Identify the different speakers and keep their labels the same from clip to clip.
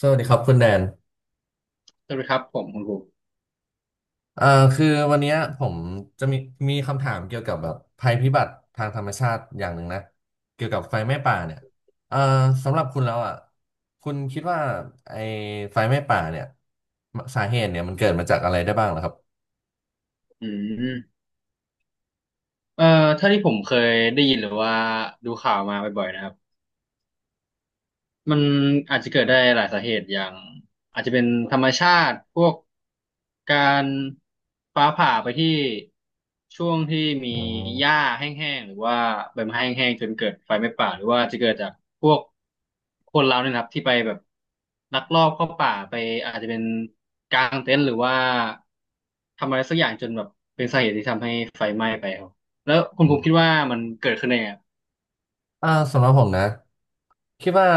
Speaker 1: สวัสดีครับคุณแดน
Speaker 2: สวัสดีครับผมคุณครู
Speaker 1: เอ่อคือวันเนี้ยผมจะมีคำถามเกี่ยวกับแบบภัยพิบัติทางธรรมชาติอย่างหนึ่งนะ เกี่ยวกับไฟไหม้ป่าเนี่ยเอ่อสำหรับคุณแล้วอ่ะคุณคิดว่าไอ้ไฟไหม้ป่าเนี่ยสาเหตุเนี่ยมันเกิดมาจากอะไรได้บ้างเหรอครับ
Speaker 2: อืมเอ่อถ้าที่ผมเคยได้ยินหรือว่าดูข่าวมาบ่อยๆนะครับ มันอาจจะเกิดได้หลายสาเหตุอย่างอาจจะเป็นธรรมชาติพวกการฟ้าผ่าไปที่ช่วงที่มี
Speaker 1: อื
Speaker 2: หญ้า
Speaker 1: ม
Speaker 2: แห้งๆหรือว่าใบไม้แห้งๆจนเกิดไฟไหม้ป่าหรือว่าจะเกิดจากพวกคนเราเนี่ยนะครับที่ไปแบบลักลอบเข้าป่าไปอาจจะเป็นกางเต็นท์หรือว่าทำอะไรสักอย่างจนแบบเป็นสาเหตุที่ทำให้ไฟไหม้ไปครับแล้วคุณภูมิคิดว่ามันเกิดขึ้นได้ไงครับ
Speaker 1: สำหรับผมนะคิดว่า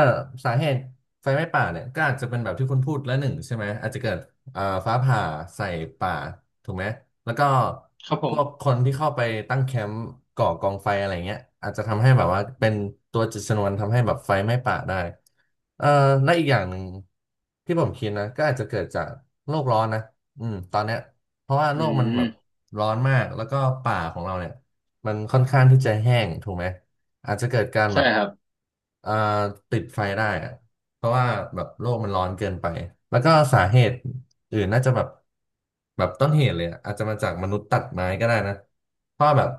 Speaker 1: สาเหตุไฟไหม้ป่าเนี่ยก็อาจจะเป็นแบบที่คุณพูดและหนึ่งใช่ไหมอาจจะเกิดฟ้าผ่าใส่ป่าถูกไหมแล้วก็
Speaker 2: ครับผ
Speaker 1: พ
Speaker 2: ม
Speaker 1: วกคนที่เข้าไปตั้งแคมป์ก่อกองไฟอะไรเงี้ยอาจจะทำให้แบบว่าเป็นตัวจุดชนวนทำให้แบบไฟไหม้ป่าได้เอ่อและอีกอย่างหนึ่งที่ผมคิดนะก็อาจจะเกิดจากโลกร้อนนะอืมตอนเนี้ยเพราะว่าโล
Speaker 2: อื
Speaker 1: กมันแบบ
Speaker 2: ม
Speaker 1: ร้อนมากแล้วก็ป่าของเราเนี่ยมันค่อนข้างที่จะแห้งถูกไหม อาจจะเกิดการแบ
Speaker 2: ใช่
Speaker 1: บ
Speaker 2: ครับ
Speaker 1: เอ่อติดไฟได้อะเพราะว่าแบบโลกมันร้อนเกินไป แล้วก็สาเหตุอื่นน่าจะแบบต้นเหตุเลยอะอาจจะมาจากมนุษย์ตัดไม้ก็ได้นะเพราะว่าแบบ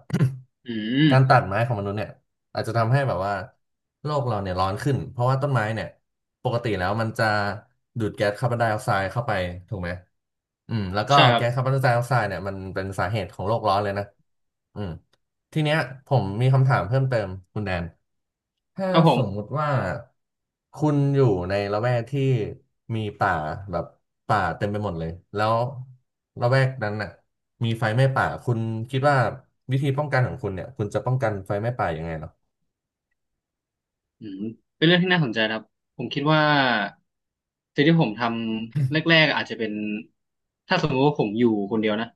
Speaker 2: อื
Speaker 1: การตั
Speaker 2: ม
Speaker 1: ดไม้ของมนุษย์เนี่ยอาจจะทำให้แบบว่าโลกเราเนี่ยร้อนขึ้นเพราะว่าต้นไม้เนี่ยปกติแล้วมันจะดูดแก๊สคาร์บอนไดออกไซด์เข้าไปถูกไหม อืมแล้วก็
Speaker 2: ใช่ครั
Speaker 1: แก๊
Speaker 2: บ
Speaker 1: สคาร์บอนไดออกไซด์เนี่ยมันเป็นสาเหตุของโลกร้อนเลยนะอืมทีเนี้ยผมมีคำถามเพิ่มเติมคุณแดนถ้า
Speaker 2: ครับผ
Speaker 1: สมมุ
Speaker 2: ม
Speaker 1: ติว่าคุณอยู่ในละแวกที่มีป่าแบบป่าเต็มไปหมดเลยแล้วละแวกนั้นน่ะมีไฟไหม้ป่าคุณคิดว่าวิธีป้องกันของคุณเนี่ยคุณจะป้องกันไฟไหม้ป่ายังไงเหรอ
Speaker 2: อืมเป็นเรื่องที่น่าสนใจนะครับผมคิดว่าสิ่งที่ผมทำแรกๆอาจจะเป็นถ้าสมมติว่าผมอยู่คนเดียวนะ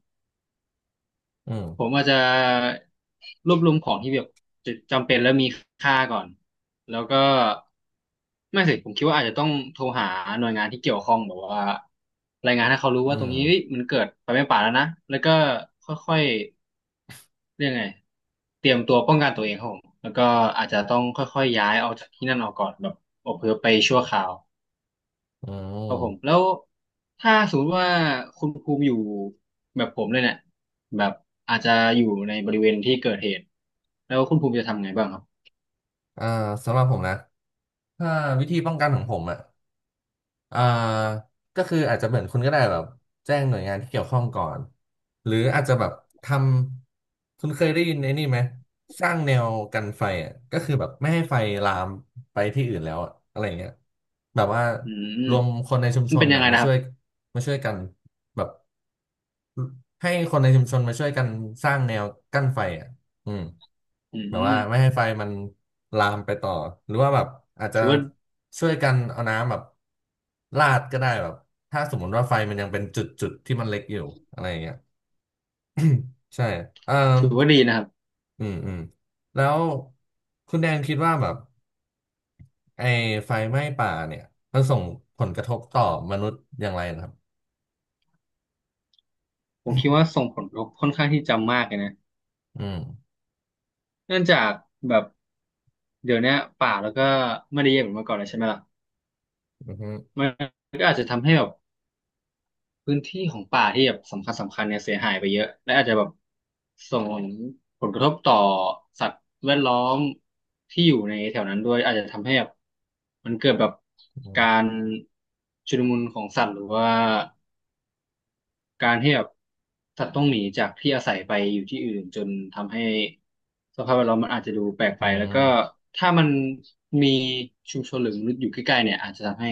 Speaker 1: อืม
Speaker 2: ผมอาจจะรวบรวมของที่แบบจำเป็นและมีค่าก่อนแล้วก็ไม่สิผมคิดว่าอาจจะต้องโทรหาหน่วยงานที่เกี่ยวข้องแบบว่ารายงานให้เขารู้
Speaker 1: อื
Speaker 2: ว่าตรงนี้เฮ้ย
Speaker 1: ม
Speaker 2: มันเกิดไฟไหม้ป่าแล้วนะแล้วก็ค่อยๆ เรียกไงเตรียมตัวป้องกันตัวเองครับผมแล้วก็อาจจะต้องค่อยๆย้ายออกจากที่นั่นออกก่อนแบบอพยพไปชั่วคราว
Speaker 1: อื
Speaker 2: ครับผม
Speaker 1: ม
Speaker 2: แล้วถ้าสมมติว่าคุณภูมิอยู่แบบผมเลยเนี่ยแบบอาจจะอยู่ในบริเวณที่เกิดเหตุแล้วคุณภูมิจะทำไงบ้างครับ
Speaker 1: อ่าสำหรับผมนะถ้าวิธีป้องกันของผมอ่ะ อ่าก็คืออาจจะเหมือนคุณก็ได้แบบแจ้งหน่วยงานที่เกี่ยวข้องก่อนหรืออาจจะแบบทำคุณเคยได้ยินไอ้นี่ไหมสร้างแนวกันไฟอ่ะก็คือแบบไม่ให้ไฟลามไปที่อื่นแล้วอะอะไรอย่างเงี้ยแบบว่า
Speaker 2: อืม
Speaker 1: รวมคนในชุม
Speaker 2: มั
Speaker 1: ช
Speaker 2: น
Speaker 1: น
Speaker 2: เป็นยัง
Speaker 1: อ่ะ
Speaker 2: ไง
Speaker 1: มา
Speaker 2: นะค
Speaker 1: ช่
Speaker 2: รับ
Speaker 1: วยมาช่วยกันแบบ ให้คนในชุมชนมาช่วยกันสร้างแนวกั้นไฟอ่ะอืม
Speaker 2: อื
Speaker 1: แบบว่าไม่
Speaker 2: ม
Speaker 1: ให้ไฟมันลามไปต่อ หรือว่าแบบอาจจะ
Speaker 2: ถือว่า
Speaker 1: ช่วยกันเอาน้ำแบบลาดก็ได้แบบถ้าสมมติว่าไฟมันยังเป็นจุดจุดที่มันเล็กอยู่อะไรอย่างเงี้ย ใช่เอ่อ
Speaker 2: ดีนะครับ
Speaker 1: อืม อืม แล้วคุณแดนคิดว่าแบบไอ้ไฟไหม้ป่าเนี่ยมันส่งผลกระทบต่อมนุษย์อย่างไรนะครับ
Speaker 2: ผมคิดว่าส่งผลกระทบค่อนข้างที่จะมากเลยนะ
Speaker 1: อืม
Speaker 2: เนื่องจากแบบเดี๋ยวเนี้ยป่าแล้วก็ไม่ได้เยอะเหมือนเมื่อก่อนแล้วใช่ไหมล่ะ
Speaker 1: อืมอฮึ
Speaker 2: มัน พื้นที่ของป่าที่แบบสำคัญสำคัญเนี่ยเสียหายไปเยอะและอาจจะแบบส่งผลกระทบต่อสัตว์แวดล้อมที่อยู่ในแถวนั้นด้วยอาจจะทำให้แบบมันเกิดแบบ
Speaker 1: อื
Speaker 2: การ
Speaker 1: ม
Speaker 2: ชุลมุนของสัตว์หรือว่าการที่แบบสัตว์ต้องหนีจากที่อาศัยไปอยู่ที่อื่นจนทำให้สภาพแวดล้อมมันอาจจะดูแปลก
Speaker 1: อื
Speaker 2: ไปแล้วก็
Speaker 1: ม
Speaker 2: ถ้ามันมีชุมชนหรือมนุษย์อยู่ใกล้ๆเนี่ยอาจจะทำให้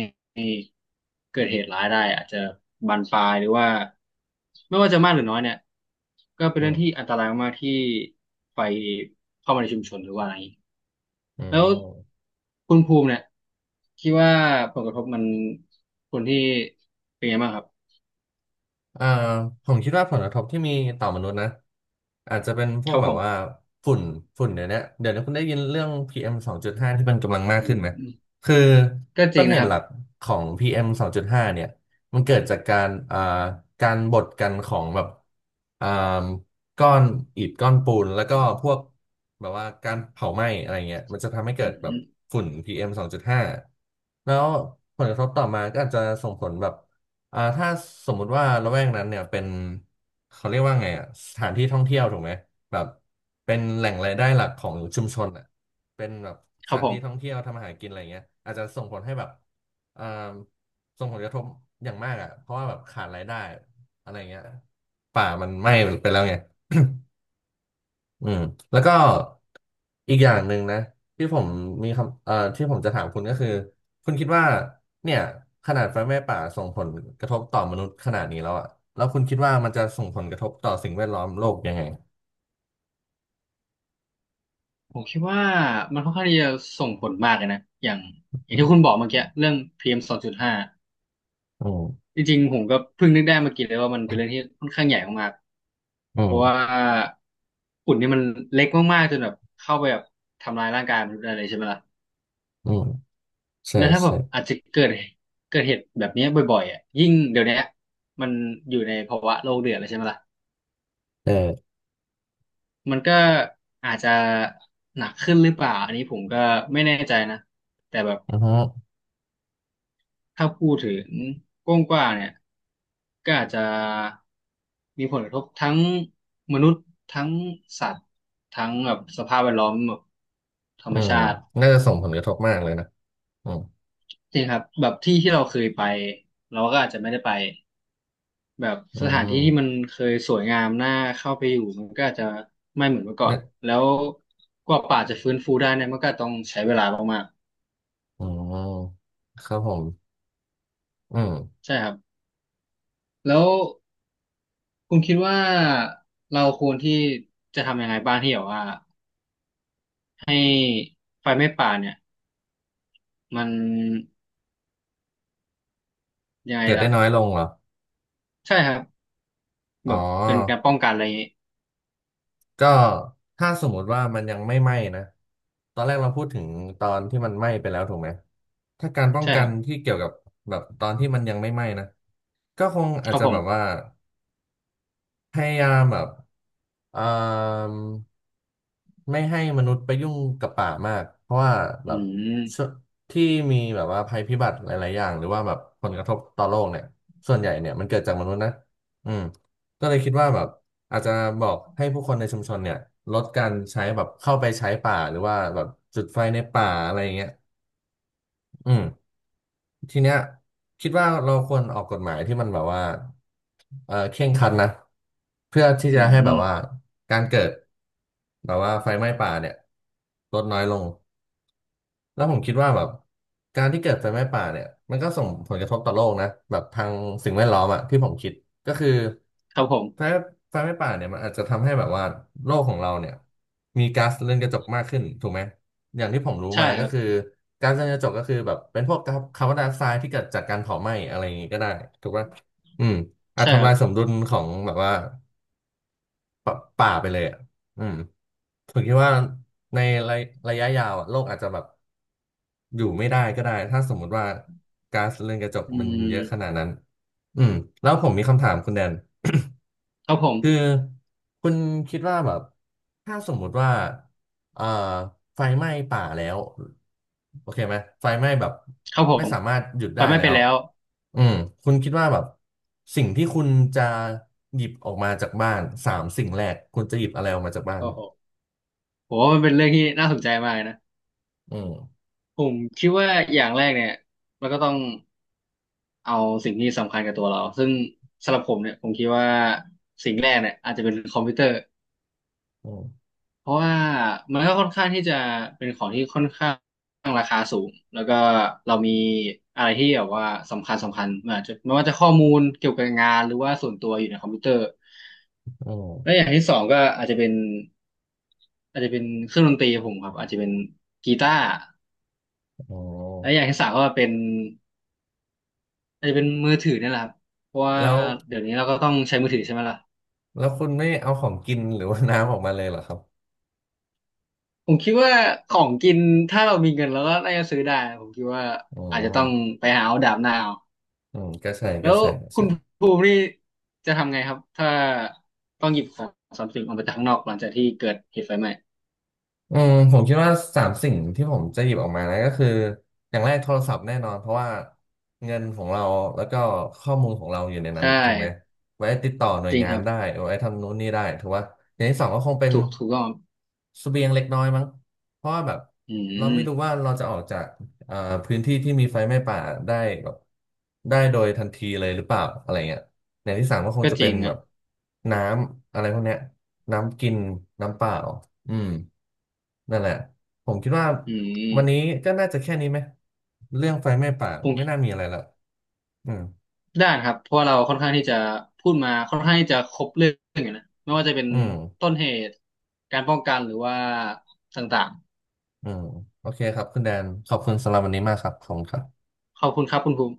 Speaker 2: เกิดเหตุร้ายได้อาจจะบานปลายหรือว่าไม่ว่าจะมากหรือน้อยเนี่ยก็เป็น
Speaker 1: อื
Speaker 2: เรื่อง
Speaker 1: ม
Speaker 2: ที่อันตรายมากๆที่ไฟเข้ามาในชุมชนหรือว่าอะไรอย่างนี้
Speaker 1: อื
Speaker 2: แล้ว
Speaker 1: ม
Speaker 2: คุณภูมิเนี่ยคิดว่าผลกระทบมันคนที่เป็นไงบ้างครับ
Speaker 1: เอ่อผมคิดว่าผลกระทบที่มีต่อมนุษย์นะอาจจะเป็นพ
Speaker 2: ค
Speaker 1: วก
Speaker 2: รับ
Speaker 1: แบ
Speaker 2: ผ
Speaker 1: บว่า
Speaker 2: ม
Speaker 1: ฝุ่นฝุ่นเดี๋ยวนี้คุณได้ยินเรื่อง PM 2.5ที่มันกำลังมา
Speaker 2: อื
Speaker 1: กขึ้นไหม
Speaker 2: ม
Speaker 1: คือ
Speaker 2: ก็จ
Speaker 1: ต้
Speaker 2: ริ
Speaker 1: น
Speaker 2: ง
Speaker 1: เห
Speaker 2: นะค
Speaker 1: ตุ
Speaker 2: รั
Speaker 1: ห
Speaker 2: บ
Speaker 1: ลักของ PM 2.5เอ็มสองจุดห้าเนี่ยมันเกิดจากการการบดกันของแบบอ่าก้อนอิฐก้อนปูนแล้วก็พวกแบบว่าการเผาไหม้อะไรเงี้ยมันจะทำให้เกิ
Speaker 2: อื
Speaker 1: ดแบบ
Speaker 2: ม
Speaker 1: ฝุ่น PM 2.5แล้วผลกระทบต่อมาก็อาจจะส่งผลแบบ ถ้าสมมุติว่าละแวกนั้นเนี่ยเป็นเขาเรียกว่าไงอ่ะสถานที่ท่องเที่ยวถูกไหมแบบเป็นแหล่งรายได้หลักของชุมชนอ่ะเป็นแบบส
Speaker 2: ครับ
Speaker 1: ถาน
Speaker 2: ผ
Speaker 1: ที่ท่อง
Speaker 2: ม
Speaker 1: เที่ยวทำอาหารกินอะไรเงี้ยอาจจะส่งผลให้แบบอ่าส่งผลกระทบอย่างมากอ่ะเพราะว่าแบบขาดรายได้อะไรเงี้ยป่ามันไหม้ไปแล้วไง อืมแล้วก็อีกอย่างหนึ่งนะที่ผมมีคำที่ผมจะถามคุณก็คือคุณคิดว่าเนี่ยขนาดไฟไหม้ป่าส่งผลกระทบต่อมนุษย์ขนาดนี้แล้วอะแล้วคุณคิดว่ามันจะส่งผลกระทบต่อสิ่งแวดล้อมโลกยังไง
Speaker 2: ผมคิดว่ามันค่อนข้างที่จะส่งผลมากเลยนะอย่างที่คุณบอกเมื่อกี้เรื่อง PM 2.5
Speaker 1: อืม
Speaker 2: จริงๆผมก็เพิ่งนึกได้เมื่อกี้เลยว่ามันเป็นเรื่องที่ค่อนข้างใหญ่มาก
Speaker 1: อื
Speaker 2: ๆเพราะว่า
Speaker 1: ม
Speaker 2: ฝุ่นนี่มันเล็กมากๆจนแบบเข้าไปแบบทำลายร่างกายมนุษย์อะไรใช่ไหมล่ะ
Speaker 1: อืมใช่
Speaker 2: แล้วถ้าแบ
Speaker 1: ใช่
Speaker 2: บอาจจะเกิดเหตุแบบนี้บ่อยๆอ่ะยิ่งเดี๋ยวนี้มันอยู่ในภาวะโลกเดือดเลยใช่ไหมล่ะ
Speaker 1: เออ
Speaker 2: มันก็อาจจะหนักขึ้นหรือเปล่าอันนี้ผมก็ไม่แน่ใจนะแต่แบบ
Speaker 1: อือฮึ
Speaker 2: ถ้าพูดถึงกว้างกว่าเนี่ยก็อาจจะมีผลกระทบทั้งมนุษย์ทั้งสัตว์ทั้งแบบสภาพแวดล้อมแบบธร
Speaker 1: อื
Speaker 2: รม
Speaker 1: ม
Speaker 2: ชาติ
Speaker 1: น่าจะส่งผลกระทบมากเลยนะอืม
Speaker 2: จริงครับแบบที่ที่เราเคยไปเราก็อาจจะไม่ได้ไปแบบ
Speaker 1: อื
Speaker 2: สถานที่ที่มั
Speaker 1: ม
Speaker 2: นเคยสวยงามน่าเข้าไปอยู่มันก็อาจจะไม่เหมือนเมื่อก่อ
Speaker 1: เนี่
Speaker 2: น
Speaker 1: ย
Speaker 2: แล้วกว่าป่าจะฟื้นฟูได้เนี่ยมันก็ต้องใช้เวลามาก
Speaker 1: อืมครับผมอืม
Speaker 2: ๆใช่ครับแล้วคุณคิดว่าเราควรที่จะทำยังไงบ้างที่แบบว่า ให้ไฟไหม้ป่าเนี่ยมันยังไง
Speaker 1: เกิดได้
Speaker 2: ล่ะ
Speaker 1: น้อยลงเหรอ
Speaker 2: ใช่ครับ
Speaker 1: อ๋
Speaker 2: แบ
Speaker 1: อ
Speaker 2: บเป็นการป้องกันอะไรอย่างงี้
Speaker 1: ก็ถ้าสมมติว่ามันยังไม่ไหม้นะตอนแรกเราพูดถึงตอนที่มันไหม้ไปแล้วถูกไหมถ้าการป้อง
Speaker 2: ใช่
Speaker 1: กั
Speaker 2: ครั
Speaker 1: น
Speaker 2: บ
Speaker 1: ที่เกี่ยวกับแบบตอนที่มันยังไม่ไหม้นะก็คงอา
Speaker 2: ค
Speaker 1: จ
Speaker 2: รับ
Speaker 1: จะ
Speaker 2: ผ
Speaker 1: แบ
Speaker 2: ม
Speaker 1: บว่าพยายามแบบเอ่อ ไม่ให้มนุษย์ไปยุ่งกับป่ามากเพราะว่าแบ
Speaker 2: อื
Speaker 1: บช่ว
Speaker 2: ม
Speaker 1: ที่มีแบบว่าภัยพิบัติหลายๆอย่างหรือว่าแบบผลกระทบต่อโลกเนี่ยส่วนใหญ่เนี่ยมันเกิดจากมนุษย์นะอืมก็เลยคิดว่าแบบอาจจะบอกให้ผู้คนในชุมชนเนี่ยลดการใช้แบบเข้าไปใช้ป่าหรือว่าแบบจุดไฟในป่าอะไรอย่างเงี้ยอืม ทีเนี้ยคิดว่าเราควรออกกฎหมายที่มันแบบว่าเออเคร่งครัดนะเพื่อที่
Speaker 2: อื
Speaker 1: จะ
Speaker 2: ม
Speaker 1: ให้
Speaker 2: อื
Speaker 1: แบบ
Speaker 2: ม
Speaker 1: ว่าการเกิดแบบว่าไฟไหม้ป่าเนี่ยลดน้อยลงแล้วผมคิดว่าแบบการที่เกิดไฟไหม้ป่าเนี่ยมันก็ส่งผลกระทบต่อโลกนะแบบทางสิ่งแวดล้อมอะที่ผมคิดก็คือ
Speaker 2: ครับผม
Speaker 1: ไฟไฟไหม่ป่าเนี่ยมันอาจจะทำให้แบบว่าโลกของเราเนี่ยมีก๊าซเรือนกระจกมากขึ้นถูกไหมอย่างที่ผมรู้
Speaker 2: ใช่
Speaker 1: มา
Speaker 2: ค
Speaker 1: ก็
Speaker 2: รับ
Speaker 1: คือก๊าซเรือนกระจกก็คือแบบเป็นพวกาคาร์บอนไดออกไซด์ที่เกิดจากการเผาไหม้อะไรอย่างงี้ก็ได้ถูกป่ะอืมอาจ
Speaker 2: ใช่ค
Speaker 1: ทำ
Speaker 2: รั
Speaker 1: ลา
Speaker 2: บ
Speaker 1: ยสมดุลของแบบว่าปป่าไปเลยอ่ะอืมผมคิดว่าในระระยะยาวอ่ะโลกอาจจะแบบอยู่ไม่ได้ก็ได้ถ้าสมมุติว่าก๊าซเรือนกระจก
Speaker 2: อื
Speaker 1: มันเยอะขนา
Speaker 2: ม
Speaker 1: ดนั้นอืมแล้วผมมีคำถามคุณแดน
Speaker 2: ครับผ
Speaker 1: คือ
Speaker 2: ม
Speaker 1: คุณคิดว่าแบบถ้าสมมุติว่าเอ่อไฟไหม้ป่าแล้วโอเคไหมไฟไหม้แบบ
Speaker 2: ครับผ
Speaker 1: ไม่
Speaker 2: ม
Speaker 1: สามารถหยุด
Speaker 2: ไฟ
Speaker 1: ได้
Speaker 2: ไม้
Speaker 1: แล้
Speaker 2: ไปน
Speaker 1: ว
Speaker 2: แล้ว
Speaker 1: อืมคุณคิดว่าแบบสิ่งที่คุณจะหยิบออกมาจากบ้านสามสิ่งแรกคุณจะหยิบอะไรออกมาจากบ้าน
Speaker 2: โอ้โหผมว่ามันเป็นเรื่องที่น่าสนใจมากนะ
Speaker 1: อืม
Speaker 2: ผมคิดว่าอย่างแรกเนี่ยเราก็ต้องเอาสิ่งที่สำคัญกับตัวเราซึ่งสำหรับผมเนี่ยผมคิดว่าสิ่งแรกเนี่ยอาจจะเป็นคอมพิวเตอร์
Speaker 1: อืม
Speaker 2: เพราะว่ามันก็ค่อนข้างที่จะเป็นของที่ค่อนข้าง แล้วก็เรามีอะไรที่แบบว่าสำคัญสำคัญมันอาจจะไม่ว่าจะข้อมูลเกี่ยวกับงานหรือว่าส่วนตัวอยู่ในคอมพิวเตอร์
Speaker 1: อื
Speaker 2: แล้วอ
Speaker 1: ม
Speaker 2: ย่างที่สองก็อาจจะเป็นอาจจะเป็นเครื่องดนตรีของผมครับอาจจะเป็นกีตาร์
Speaker 1: อ๋อ
Speaker 2: แล้วอย่างที่สามก็เป็นอาจจะเป็นมือถือเนี่ยแหละครับเพราะว่า
Speaker 1: แล้ว
Speaker 2: เดี๋ยวนี้เราก็ต้องใช้มือถือใช่ไหมล่ะ
Speaker 1: แล้วคุณไม่เอาของกินหรือว่าน้ำออกมาเลยเหรอครับ
Speaker 2: ผมคิดว่าของกินถ้าเรามีเงินเราก็น่าจะซื้อได้ผมคิดว่า
Speaker 1: อื
Speaker 2: อาจจะต้อง
Speaker 1: ม
Speaker 2: ไปหาเอาดาบหน้าเอา
Speaker 1: อืมก็ใช่
Speaker 2: แล้
Speaker 1: ก็
Speaker 2: ว
Speaker 1: ใช่ก็
Speaker 2: คุ
Speaker 1: ใช่
Speaker 2: ณภูมินี่จะทำไงครับถ้าต้องหยิบของทรัพย์สินออกมาจากข้างนอกหลังจากที่เกิดเหตุไฟไหม้
Speaker 1: อืมผมคิดว่าสามสิ่งที่ผมจะหยิบออกมานะก็คืออย่างแรกโทรศัพท์แน่นอนเพราะว่าเงินของเราแล้วก็ข้อมูลของเราอยู่ในนั้
Speaker 2: ใช่
Speaker 1: นถูกไหมไว้ติดต่อหน่ว
Speaker 2: จ
Speaker 1: ย
Speaker 2: ริง
Speaker 1: งา
Speaker 2: ค
Speaker 1: น
Speaker 2: รับ
Speaker 1: ได้ไว้ทำนู้นนี่ได้ถือว่าอย่างที่สองก็คงเป็น
Speaker 2: ถูกต้องครับ
Speaker 1: เสบียงเล็กน้อยมั้งเพราะว่าแบบ
Speaker 2: อื
Speaker 1: เราไม่รู้
Speaker 2: ม
Speaker 1: ว่าเราจะออกจากเอ่อพื้นที่ที่มีไฟไหม้ป่าได้แบบได้โดยทันทีเลยหรือเปล่าอะไรเงี้ยอย่างที่สามก็คง
Speaker 2: ก็
Speaker 1: จะ
Speaker 2: จ
Speaker 1: เป็
Speaker 2: ริ
Speaker 1: น
Speaker 2: ง
Speaker 1: แบ
Speaker 2: นะ
Speaker 1: บน้ำอะไรพวกเนี้ยน้ำกินน้ำเปล่า อืมนั่นแหละผมคิดว่า
Speaker 2: อื
Speaker 1: วันนี้
Speaker 2: ม
Speaker 1: ก็น่าจะแค่นี้ไหมเรื่องไฟไหม้ป่า
Speaker 2: ผ
Speaker 1: ไม่น่า
Speaker 2: ม
Speaker 1: มีอะไรละอืม
Speaker 2: ได้านครับเพราะว่าเราค่อนข้างที่จะพูดมาค่อนข้างที่จะครบเรื่องอยู่นะไม่ว่าจะเป็น
Speaker 1: อืม
Speaker 2: ต้นเหตุการป้องกันหรือว่าต่าง
Speaker 1: อืมโอเคครับคุณแดนขอบคุณสำหรับวันนี้มากครับขอบคุณครับ
Speaker 2: ๆขอบคุณครับคุณภูมิ